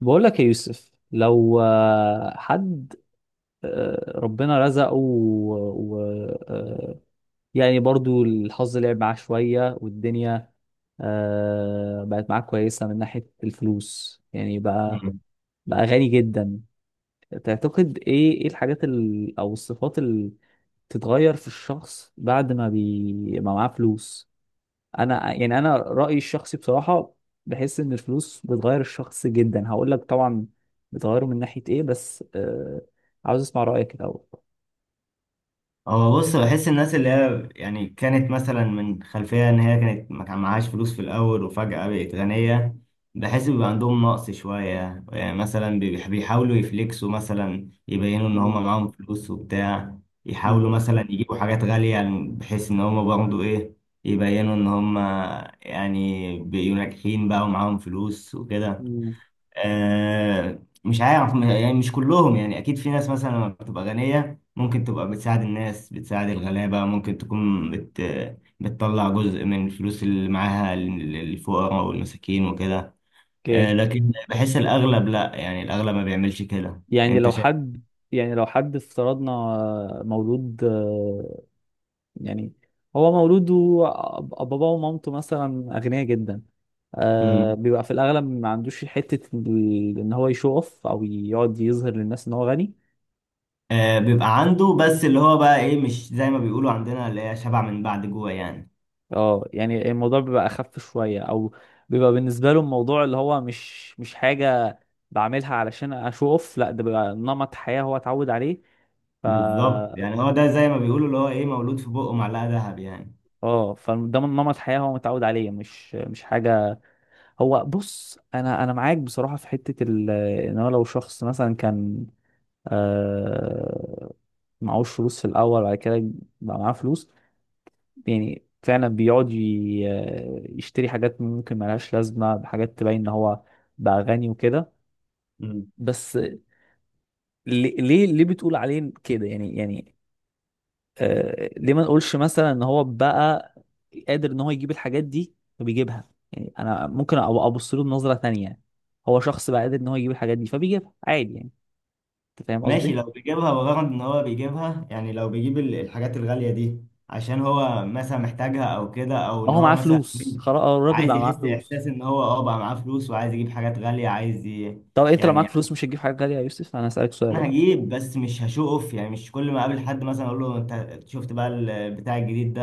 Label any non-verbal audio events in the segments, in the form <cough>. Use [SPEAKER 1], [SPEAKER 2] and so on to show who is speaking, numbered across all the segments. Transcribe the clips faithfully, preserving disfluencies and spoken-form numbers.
[SPEAKER 1] بقول لك يا يوسف لو آه، حد آه، ربنا رزقه و... و... آه، يعني برضو الحظ لعب معاه شوية والدنيا آه، بقت معاه كويسة من ناحية الفلوس، يعني بقى
[SPEAKER 2] مم.
[SPEAKER 1] بقى غني جدا. تعتقد ايه ايه الحاجات ال... او الصفات اللي بتتغير في الشخص بعد ما بي... ما معاه فلوس. انا يعني انا رايي الشخصي بصراحه. بحس ان الفلوس بتغير الشخص جدا. هقول لك طبعا بتغيره من ناحيه ايه، بس آه عاوز اسمع رايك الاول.
[SPEAKER 2] هو بص، بحس الناس اللي هي يعني كانت مثلا من خلفية إن هي كانت ما كان معهاش فلوس في الأول وفجأة بقت غنية، بحس بيبقى عندهم نقص شوية. يعني مثلا بيح- بيحاولوا يفليكسوا، مثلا يبينوا إن هما
[SPEAKER 1] مم.
[SPEAKER 2] معاهم فلوس وبتاع،
[SPEAKER 1] مم.
[SPEAKER 2] يحاولوا مثلا يجيبوا حاجات غالية، يعني بحيث إن هما برضه إيه، يبينوا إن هما يعني بيبقوا ناجحين بقى ومعاهم فلوس وكده.
[SPEAKER 1] مم.
[SPEAKER 2] آه، مش عارف م- يعني مش كلهم، يعني اكيد في ناس مثلا لما بتبقى غنية ممكن تبقى بتساعد الناس، بتساعد الغلابة، ممكن تكون بت بتطلع جزء من الفلوس اللي معاها لل- للفقراء والمساكين وكده. آه،
[SPEAKER 1] اوكي.
[SPEAKER 2] لكن بحس الاغلب لا، يعني الاغلب ما بيعملش كده.
[SPEAKER 1] يعني
[SPEAKER 2] انت
[SPEAKER 1] لو
[SPEAKER 2] شايف؟
[SPEAKER 1] حد يعني لو حد افترضنا آه، مولود. آه، يعني هو مولود وباباه ومامته مثلا اغنياء جدا. آه
[SPEAKER 2] امم.
[SPEAKER 1] بيبقى في الاغلب ما عندوش حته ال- ان هو يشوف او يقعد يظهر للناس ان هو غني.
[SPEAKER 2] آه، بيبقى عنده بس اللي هو بقى ايه، مش زي ما بيقولوا عندنا اللي هي شبع من بعد جوع يعني.
[SPEAKER 1] اه، يعني الموضوع بيبقى اخف شويه، او بيبقى بالنسبه له الموضوع اللي هو مش مش حاجه بعملها علشان اشوف اوف. لا، ده بيبقى نمط حياه هو اتعود عليه. ف
[SPEAKER 2] بالظبط، يعني هو ده زي ما بيقولوا اللي هو ايه، مولود في بقه معلقة ذهب يعني.
[SPEAKER 1] اه، فده من نمط حياه هو متعود عليه، مش مش حاجه. هو بص، انا انا معاك بصراحه في حته ال... ان هو لو شخص مثلا كان آه... معهوش فلوس في الاول، بعد كده بقى معاه فلوس. يعني فعلا بيقعد ي- يشتري حاجات ممكن ملهاش لازمة بحاجات تبين ان هو بقى غني وكده. بس ليه ليه ليه بتقول عليه كده؟ يعني يعني آه ليه ما نقولش مثلا ان هو بقى قادر ان هو يجيب الحاجات دي فبيجيبها؟ يعني انا ممكن أ- ابص له بنظرة تانية. هو شخص بقى قادر ان هو يجيب الحاجات دي فبيجيبها عادي. يعني انت فاهم
[SPEAKER 2] ماشي،
[SPEAKER 1] قصدي؟
[SPEAKER 2] لو بيجيبها بغرض ان هو بيجيبها، يعني لو بيجيب ال- الحاجات الغالية دي عشان هو مثلا محتاجها او كده، او
[SPEAKER 1] ما
[SPEAKER 2] ان
[SPEAKER 1] هو
[SPEAKER 2] هو
[SPEAKER 1] معاه
[SPEAKER 2] مثلا
[SPEAKER 1] فلوس خلاص. آه، الراجل
[SPEAKER 2] عايز
[SPEAKER 1] بقى معاه
[SPEAKER 2] يحس
[SPEAKER 1] فلوس.
[SPEAKER 2] احساس ان هو اه بقى معاه فلوس وعايز يجيب حاجات غالية، عايز ي...
[SPEAKER 1] طب انت لو
[SPEAKER 2] يعني،
[SPEAKER 1] معاك فلوس مش هتجيب حاجة غالية يا يوسف؟ انا هسألك سؤال
[SPEAKER 2] انا
[SPEAKER 1] اهو.
[SPEAKER 2] هجيب بس مش هشو اوف، يعني مش كل ما اقابل حد مثلا اقول له انت شفت بقى البتاع الجديد ده،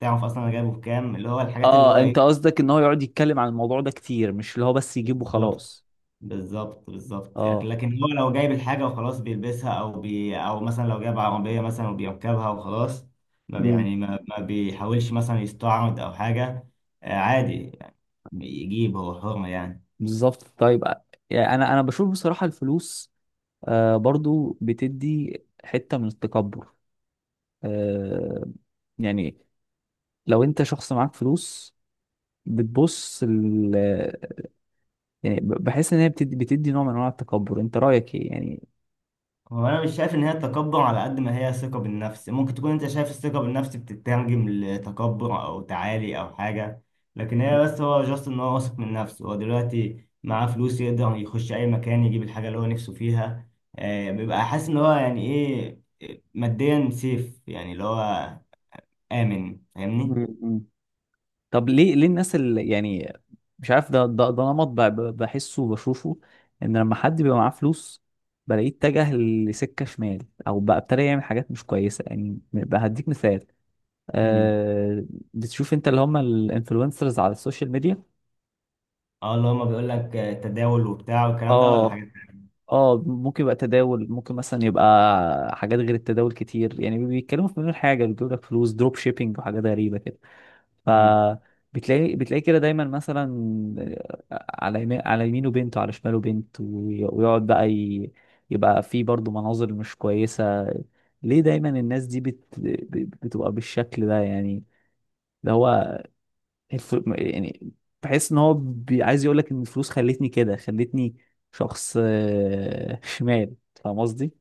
[SPEAKER 2] تعرف اصلا انا جايبه بكام، اللي هو الحاجات اللي
[SPEAKER 1] اه،
[SPEAKER 2] هو
[SPEAKER 1] انت
[SPEAKER 2] ايه.
[SPEAKER 1] قصدك ان هو يقعد يتكلم عن الموضوع ده كتير، مش اللي هو بس يجيبه
[SPEAKER 2] بالظبط
[SPEAKER 1] خلاص.
[SPEAKER 2] بالظبط بالظبط،
[SPEAKER 1] اه.
[SPEAKER 2] لكن هو لو جايب الحاجة وخلاص بيلبسها، أو بي أو مثلا لو جايب عربية مثلا وبيركبها وخلاص، ما بي-
[SPEAKER 1] امم
[SPEAKER 2] يعني ما, ما بيحاولش مثلا يستعرض أو حاجة. آه، عادي، يجيب، هو حر يعني.
[SPEAKER 1] بالظبط. طيب، آه، يعني انا انا بشوف بصراحة الفلوس آه برضو بتدي حتة من التكبر. آه يعني لو انت شخص معاك فلوس، بتبص ال يعني ب- بحس ان هي بتدي بتدي نوع من انواع التكبر، انت رأيك ايه يعني؟
[SPEAKER 2] هو انا مش شايف ان هي تكبر، على قد ما هي ثقة بالنفس. ممكن تكون انت شايف الثقة بالنفس بتترجم لتكبر او تعالي او حاجة، لكن هي
[SPEAKER 1] مم.
[SPEAKER 2] بس هو جاست ان هو واثق من نفسه، هو دلوقتي معاه فلوس يقدر يخش اي مكان يجيب الحاجة اللي هو نفسه فيها. آه، بيبقى حاسس ان هو يعني ايه، ماديا سيف، يعني اللي هو آمن، فاهمني.
[SPEAKER 1] مم. طب ليه ليه الناس اللي يعني مش عارف. ده ده, ده نمط ب- ب- بحسه وبشوفه، ان لما حد بيبقى معاه فلوس بلاقيه اتجه لسكه شمال، او بقى ابتدى يعمل حاجات مش كويسه. يعني بقى هديك مثال.
[SPEAKER 2] مم.
[SPEAKER 1] آه بتشوف انت اللي هم الانفلونسرز على السوشيال ميديا.
[SPEAKER 2] اه، اللي هو ما بيقول لك تداول وبتاع والكلام ده ولا
[SPEAKER 1] اه،
[SPEAKER 2] حاجة.
[SPEAKER 1] اه، ممكن يبقى تداول، ممكن مثلا يبقى حاجات غير التداول كتير. يعني بيتكلموا في مليون حاجه، بيجيبوا لك فلوس دروب شيبينج وحاجات غريبه كده.
[SPEAKER 2] مم.
[SPEAKER 1] فبتلاقي بتلاقي كده دايما مثلا على يمين على يمينه بنت وعلى شماله بنت، وي- ويقعد بقى ي... يبقى في برضه مناظر مش كويسة. ليه دايما الناس دي بت... ب- بتبقى بالشكل ده يعني؟ ده هو الف... يعني بحس ان هو بي... عايز يقول لك ان الفلوس خلتني كده، خلتني شخص آه، شمال. فاهم قصدي؟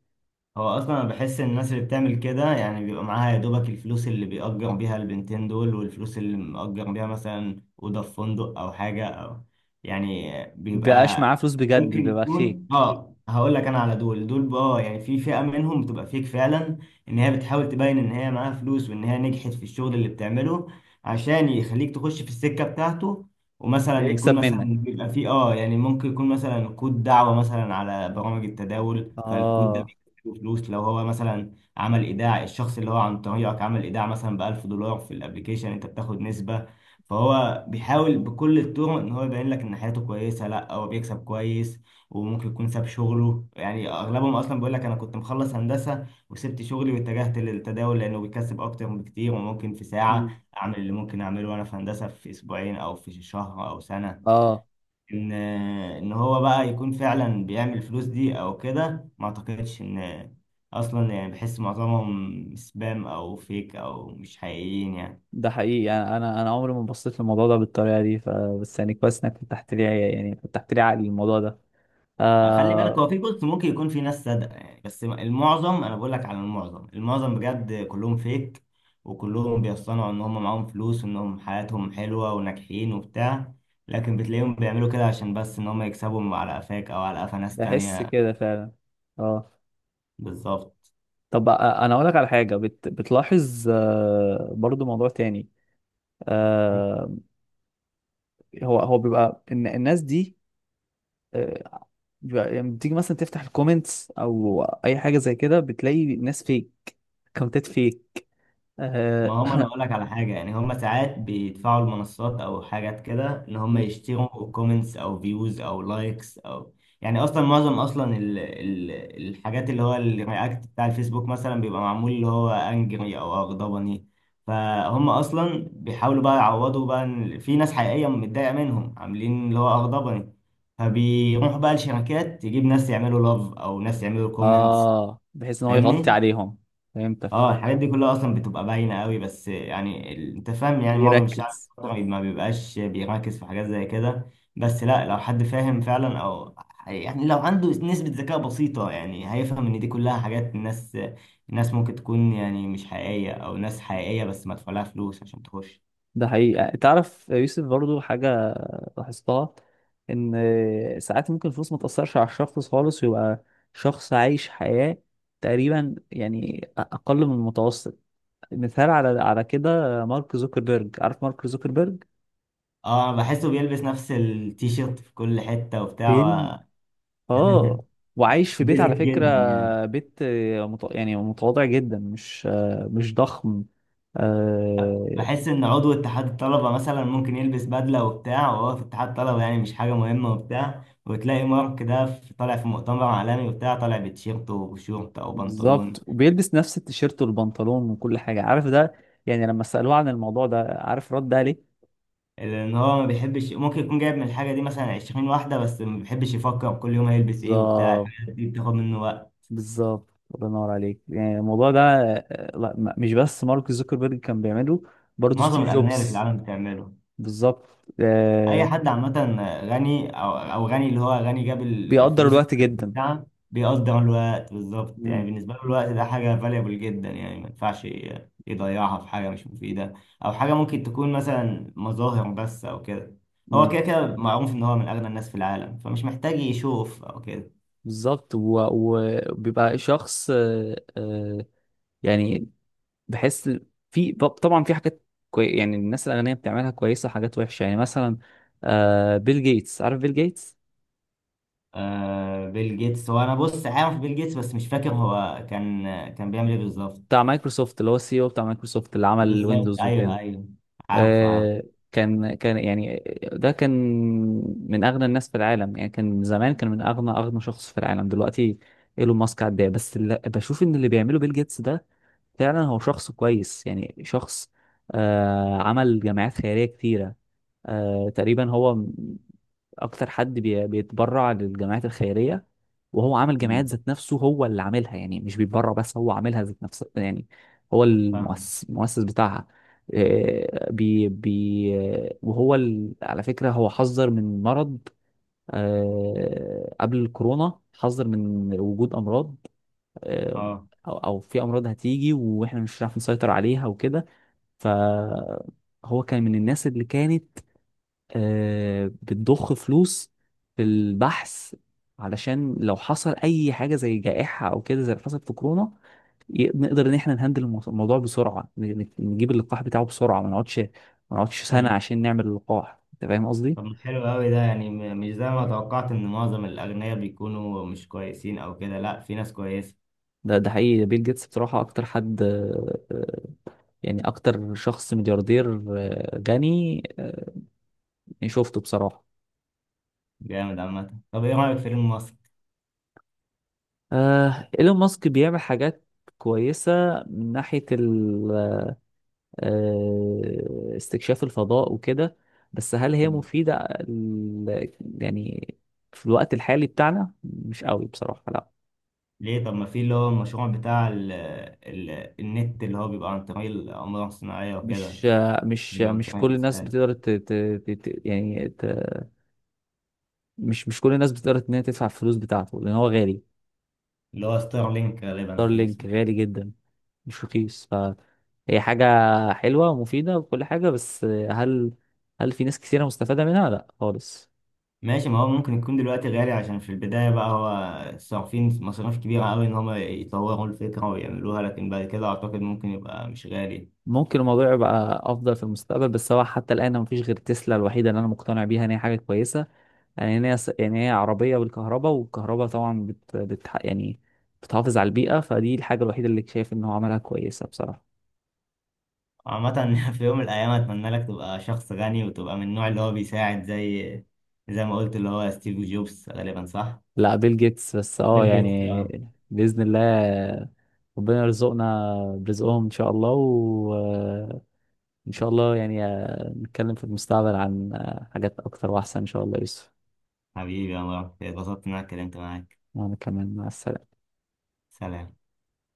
[SPEAKER 2] هو اصلا انا بحس ان الناس اللي بتعمل كده يعني بيبقى معاها يا دوبك الفلوس اللي بيأجر بيها البنتين دول، والفلوس اللي مأجر بيها مثلا اوضه في فندق او حاجه او يعني،
[SPEAKER 1] بقاش
[SPEAKER 2] بيبقى
[SPEAKER 1] معاه فلوس بجد
[SPEAKER 2] ممكن
[SPEAKER 1] بيبقى
[SPEAKER 2] يكون
[SPEAKER 1] فيك،
[SPEAKER 2] اه. هقول لك انا على دول دول بقى، آه، يعني في فئه منهم بتبقى فيك فعلا، ان هي بتحاول تبين ان هي معاها فلوس وان هي نجحت في الشغل اللي بتعمله عشان يخليك تخش في السكه بتاعته. ومثلا يكون
[SPEAKER 1] بيكسب
[SPEAKER 2] مثلا
[SPEAKER 1] منك.
[SPEAKER 2] بيبقى فيه اه يعني، ممكن يكون مثلا كود دعوة مثلا على برامج التداول، فالكود ده
[SPEAKER 1] اه.
[SPEAKER 2] له فلوس لو هو مثلا عمل ايداع، الشخص اللي هو عن طريقك عمل ايداع مثلا ب ألف دولار في الابليكيشن، انت بتاخد نسبة. فهو بيحاول بكل الطرق ان هو يبين لك ان حياته كويسة، لا هو بيكسب كويس، وممكن يكون ساب شغله. يعني اغلبهم اصلا بيقول لك انا كنت مخلص هندسة وسبت شغلي واتجهت للتداول لانه بيكسب اكتر بكتير، وممكن في
[SPEAKER 1] مم.
[SPEAKER 2] ساعة اعمل اللي ممكن اعمله وانا في هندسة في اسبوعين او في شهر او سنة.
[SPEAKER 1] اه.
[SPEAKER 2] ان ان هو بقى يكون فعلا بيعمل فلوس دي او كده، ما اعتقدش ان، اصلا يعني بحس معظمهم سبام او فيك او مش حقيقيين يعني.
[SPEAKER 1] ده حقيقي، انا انا انا عمري ما بصيت للموضوع ده بالطريقه دي. ف... بس يعني كويس انك فتحت لي، يعني فتحت لي عقلي الموضوع ده.
[SPEAKER 2] خلي بالك،
[SPEAKER 1] آه
[SPEAKER 2] هو في بص ممكن يكون في ناس صادقه يعني، بس المعظم، انا بقول لك على المعظم، المعظم بجد كلهم فيك. وكلهم بيصطنعوا ان هم معاهم فلوس، وانهم حياتهم حلوه وناجحين وبتاع، لكن بتلاقيهم بيعملوا كده عشان بس ان هم يكسبوا على قفاك او على قفا ناس
[SPEAKER 1] بحس
[SPEAKER 2] تانية.
[SPEAKER 1] كده فعلا. اه.
[SPEAKER 2] بالظبط.
[SPEAKER 1] طب أ- انا اقول لك على حاجه. بت... بتلاحظ آه برضو موضوع تاني. آه هو هو بيبقى إن الناس دي، آه بيبقى- يعني بتيجي مثلا تفتح الكومنتس او اي حاجه زي كده، بتلاقي ناس فيك، اكونتات فيك.
[SPEAKER 2] ما
[SPEAKER 1] آه,
[SPEAKER 2] هم انا اقول لك على حاجه، يعني هم ساعات بيدفعوا المنصات او حاجات كده ان هم يشتروا كومنتس او فيوز او لايكس او، يعني اصلا معظم اصلا ال... ال... الحاجات اللي هو الرياكت بتاع الفيسبوك مثلا، بيبقى معمول اللي هو انجري او اغضبني. فهم اصلا بيحاولوا بقى يعوضوا بقى إن في ناس حقيقيه متضايقه منهم عاملين اللي هو اغضبني، فبيروحوا بقى لشركات تجيب ناس يعملوا لاف او ناس يعملوا كومنتس.
[SPEAKER 1] اه، بحيث ان هو يغطي
[SPEAKER 2] فاهمني.
[SPEAKER 1] عليهم. فهمتك.
[SPEAKER 2] اه، الحاجات دي كلها اصلا بتبقى باينه قوي، بس يعني ال- انت فاهم، يعني
[SPEAKER 1] ليه
[SPEAKER 2] معظم الشعب
[SPEAKER 1] ركز.
[SPEAKER 2] ما بيبقاش بيركز في حاجات زي كده. بس لا، لو حد فاهم فعلا، او يعني لو عنده نسبه ذكاء بسيطه، يعني هيفهم ان دي كلها حاجات، الناس، الناس ممكن تكون يعني مش حقيقيه، او ناس حقيقيه بس مدفوع لها فلوس عشان تخش.
[SPEAKER 1] ده حقيقي. يعني تعرف يا يوسف برضو حاجة لاحظتها، إن ساعات ممكن الفلوس ما تأثرش على الشخص خالص، ويبقى شخص عايش حياة تقريبا يعني أقل من المتوسط. مثال على على كده، مارك زوكربيرج. عارف مارك زوكربيرج؟
[SPEAKER 2] اه، انا بحسه بيلبس نفس التيشيرت في كل حته
[SPEAKER 1] بيل
[SPEAKER 2] وبتاع. <laughs> و-
[SPEAKER 1] آه وعايش في بيت
[SPEAKER 2] بيزك
[SPEAKER 1] على فكرة.
[SPEAKER 2] جدا يعني.
[SPEAKER 1] بيت مت- يعني متواضع جدا، مش مش ضخم. آه،
[SPEAKER 2] بحس ان عضو اتحاد الطلبه مثلا ممكن يلبس بدله وبتاع وهو في اتحاد طلبه، يعني مش حاجه مهمه وبتاع، وتلاقي مارك ده في- طالع في مؤتمر عالمي وبتاع، طالع بتيشيرت وشورت او بنطلون.
[SPEAKER 1] بالظبط، وبيلبس نفس التيشيرت والبنطلون وكل حاجة. عارف ده؟ يعني لما سألوه عن الموضوع ده، عارف رد عليه؟
[SPEAKER 2] لان هو ما بيحبش، ممكن يكون جايب من الحاجه دي مثلا عشرين واحده، بس ما بيحبش يفكر كل يوم هيلبس ايه وبتاع،
[SPEAKER 1] بالظبط،
[SPEAKER 2] الحاجات دي بتاخد منه وقت.
[SPEAKER 1] بالظبط، الله ينور عليك. يعني الموضوع ده آه، لا، ما- مش بس مارك زوكربيرج كان بيعمله، برضه
[SPEAKER 2] معظم
[SPEAKER 1] ستيف
[SPEAKER 2] الاغنياء اللي في
[SPEAKER 1] جوبز.
[SPEAKER 2] العالم بتعمله.
[SPEAKER 1] بالظبط. آه،
[SPEAKER 2] اي حد عامه غني، او او غني اللي هو غني جاب ال-
[SPEAKER 1] بيقدر
[SPEAKER 2] الفلوس
[SPEAKER 1] الوقت
[SPEAKER 2] اللي
[SPEAKER 1] جدا.
[SPEAKER 2] بتاعها، بيقدر الوقت بالظبط. يعني
[SPEAKER 1] مم.
[SPEAKER 2] بالنسبه له الوقت ده حاجه فاليبل جدا، يعني ما ينفعش ي- يضيعها في حاجه مش مفيده، او حاجه ممكن تكون مثلا مظاهر بس او كده. هو
[SPEAKER 1] مم.
[SPEAKER 2] كده كده معروف ان هو من اغنى الناس في العالم، فمش محتاج يشوف او كده.
[SPEAKER 1] بالظبط، و- وبيبقى شخص آه، آه، يعني بحس في طبعا في حاجات كوي... يعني الناس الأغنياء بتعملها كويسة، وحاجات وحشة. يعني مثلا آه بيل جيتس. عارف بيل جيتس؟
[SPEAKER 2] آه بيل جيتس، هو انا بص عارف بيل جيتس، بس مش فاكر هو كان، كان بيعمل ايه بالظبط.
[SPEAKER 1] بتاع مايكروسوفت، اللي هو السي او بتاع مايكروسوفت، اللي عمل
[SPEAKER 2] بالظبط،
[SPEAKER 1] ويندوز
[SPEAKER 2] ايوه
[SPEAKER 1] وكده.
[SPEAKER 2] ايوه، عارف عارف.
[SPEAKER 1] آه كان كان يعني. ده كان من أغنى الناس في العالم. يعني كان زمان كان من أغنى أغنى شخص في العالم. دلوقتي ايلون ماسك عداه، بس اللي بشوف ان اللي بيعمله بيل جيتس ده فعلا هو شخص كويس، يعني شخص آه عمل جمعيات خيرية كتيرة. آه تقريبا هو م- اكتر حد بي- بيتبرع للجمعيات الخيريه. وهو عامل جمعيات
[SPEAKER 2] مم،
[SPEAKER 1] ذات نفسه، هو اللي عاملها. يعني مش بيتبرع بس، هو عاملها ذات نفسه يعني. هو
[SPEAKER 2] فاهم.
[SPEAKER 1] المؤسس المؤسس بتاعها. آه، بي بي وهو ال... على فكرة هو حذر من مرض. آه، قبل الكورونا حذر من وجود أمراض. آه،
[SPEAKER 2] اه،
[SPEAKER 1] أو أو في أمراض هتيجي وإحنا مش هنعرف نسيطر عليها وكده. فهو كان من الناس اللي كانت آه، بتضخ فلوس في البحث، علشان لو حصل اي حاجه زي جائحه او كده، زي اللي حصل في كورونا. ي- نقدر ان احنا نهندل المو- الموضوع بسرعه، ن- ن- نجيب اللقاح بتاعه بسرعه. ما نقعدش ما نقعدش سنه عشان نعمل اللقاح. انت فاهم قصدي؟
[SPEAKER 2] طب ما حلو قوي ده. يعني م- مش زي ما توقعت ان معظم الاغنياء بيكونوا مش كويسين او كده، لا في ناس كويسه.
[SPEAKER 1] ده ده حقيقي. بيل جيتس بصراحه اكتر حد، آه، آه، يعني اكتر شخص ملياردير، آه، غني، آه، يعني شفته بصراحه.
[SPEAKER 2] جامد عامه. طب ايه رايك في فيلم مصر؟
[SPEAKER 1] آه، ايلون ماسك بيعمل حاجات كويسه من ناحيه آه، استكشاف الفضاء وكده. بس هل هي
[SPEAKER 2] مم.
[SPEAKER 1] مفيدة ال- يعني في الوقت الحالي بتاعنا؟ مش قوي بصراحة، لا.
[SPEAKER 2] ليه؟ طب ما في اللي هو المشروع بتاع ال، ال، النت اللي هو بيبقى عن طريق الاقمار الصناعيه وكده،
[SPEAKER 1] مش آه، مش آه،
[SPEAKER 2] بيبقى عن
[SPEAKER 1] مش
[SPEAKER 2] طريق
[SPEAKER 1] كل الناس
[SPEAKER 2] الإسلاك.
[SPEAKER 1] بتقدر ت... ت... ت... ت- يعني ت... مش مش كل الناس بتقدر ان هي تدفع الفلوس بتاعته، لان هو غالي.
[SPEAKER 2] اللي هو ستارلينك غالبا كان
[SPEAKER 1] ستارلينك
[SPEAKER 2] اسمه.
[SPEAKER 1] غالي جدا، مش رخيص. فهي حاجة حلوة ومفيدة وكل حاجة، بس هل هل في ناس كثيرة مستفادة منها؟ لا خالص.
[SPEAKER 2] ماشي، ما هو ممكن يكون دلوقتي غالي عشان في البدايه بقى هو صارفين مصاريف كبيره قوي ان هم يطوروا الفكره ويعملوها، لكن بعد كده اعتقد ممكن يبقى مش غالي.
[SPEAKER 1] ممكن الموضوع يبقى افضل في المستقبل، بس هو حتى الان مفيش غير تسلا الوحيده اللي انا مقتنع بيها ان هي حاجه كويسه. يعني ان هي يعني هي عربيه بالكهرباء، والكهرباء طبعا بت... بت... يعني بتحافظ على البيئه. فدي الحاجه الوحيده اللي شايف ان هو عملها كويسه بصراحه.
[SPEAKER 2] عامة <laughs> في يوم من الأيام أتمنى لك تبقى شخص غني وتبقى من النوع اللي هو بيساعد، زي زي ما قلت اللي هو ستيف جوبز، غالبا صح؟
[SPEAKER 1] لا، بيل جيتس بس.
[SPEAKER 2] بيل،
[SPEAKER 1] اه،
[SPEAKER 2] مظبوط، جيتس،
[SPEAKER 1] يعني
[SPEAKER 2] اه.
[SPEAKER 1] باذن الله. ربنا يرزقنا برزقهم ان شاء الله. وان شاء الله يعني نتكلم في المستقبل عن حاجات اكتر واحسن ان شاء الله يا يوسف.
[SPEAKER 2] حبيبي يا مروان، اتبسطت إن أنا اتكلمت معاك.
[SPEAKER 1] وانا كمان، مع السلامه.
[SPEAKER 2] سلام.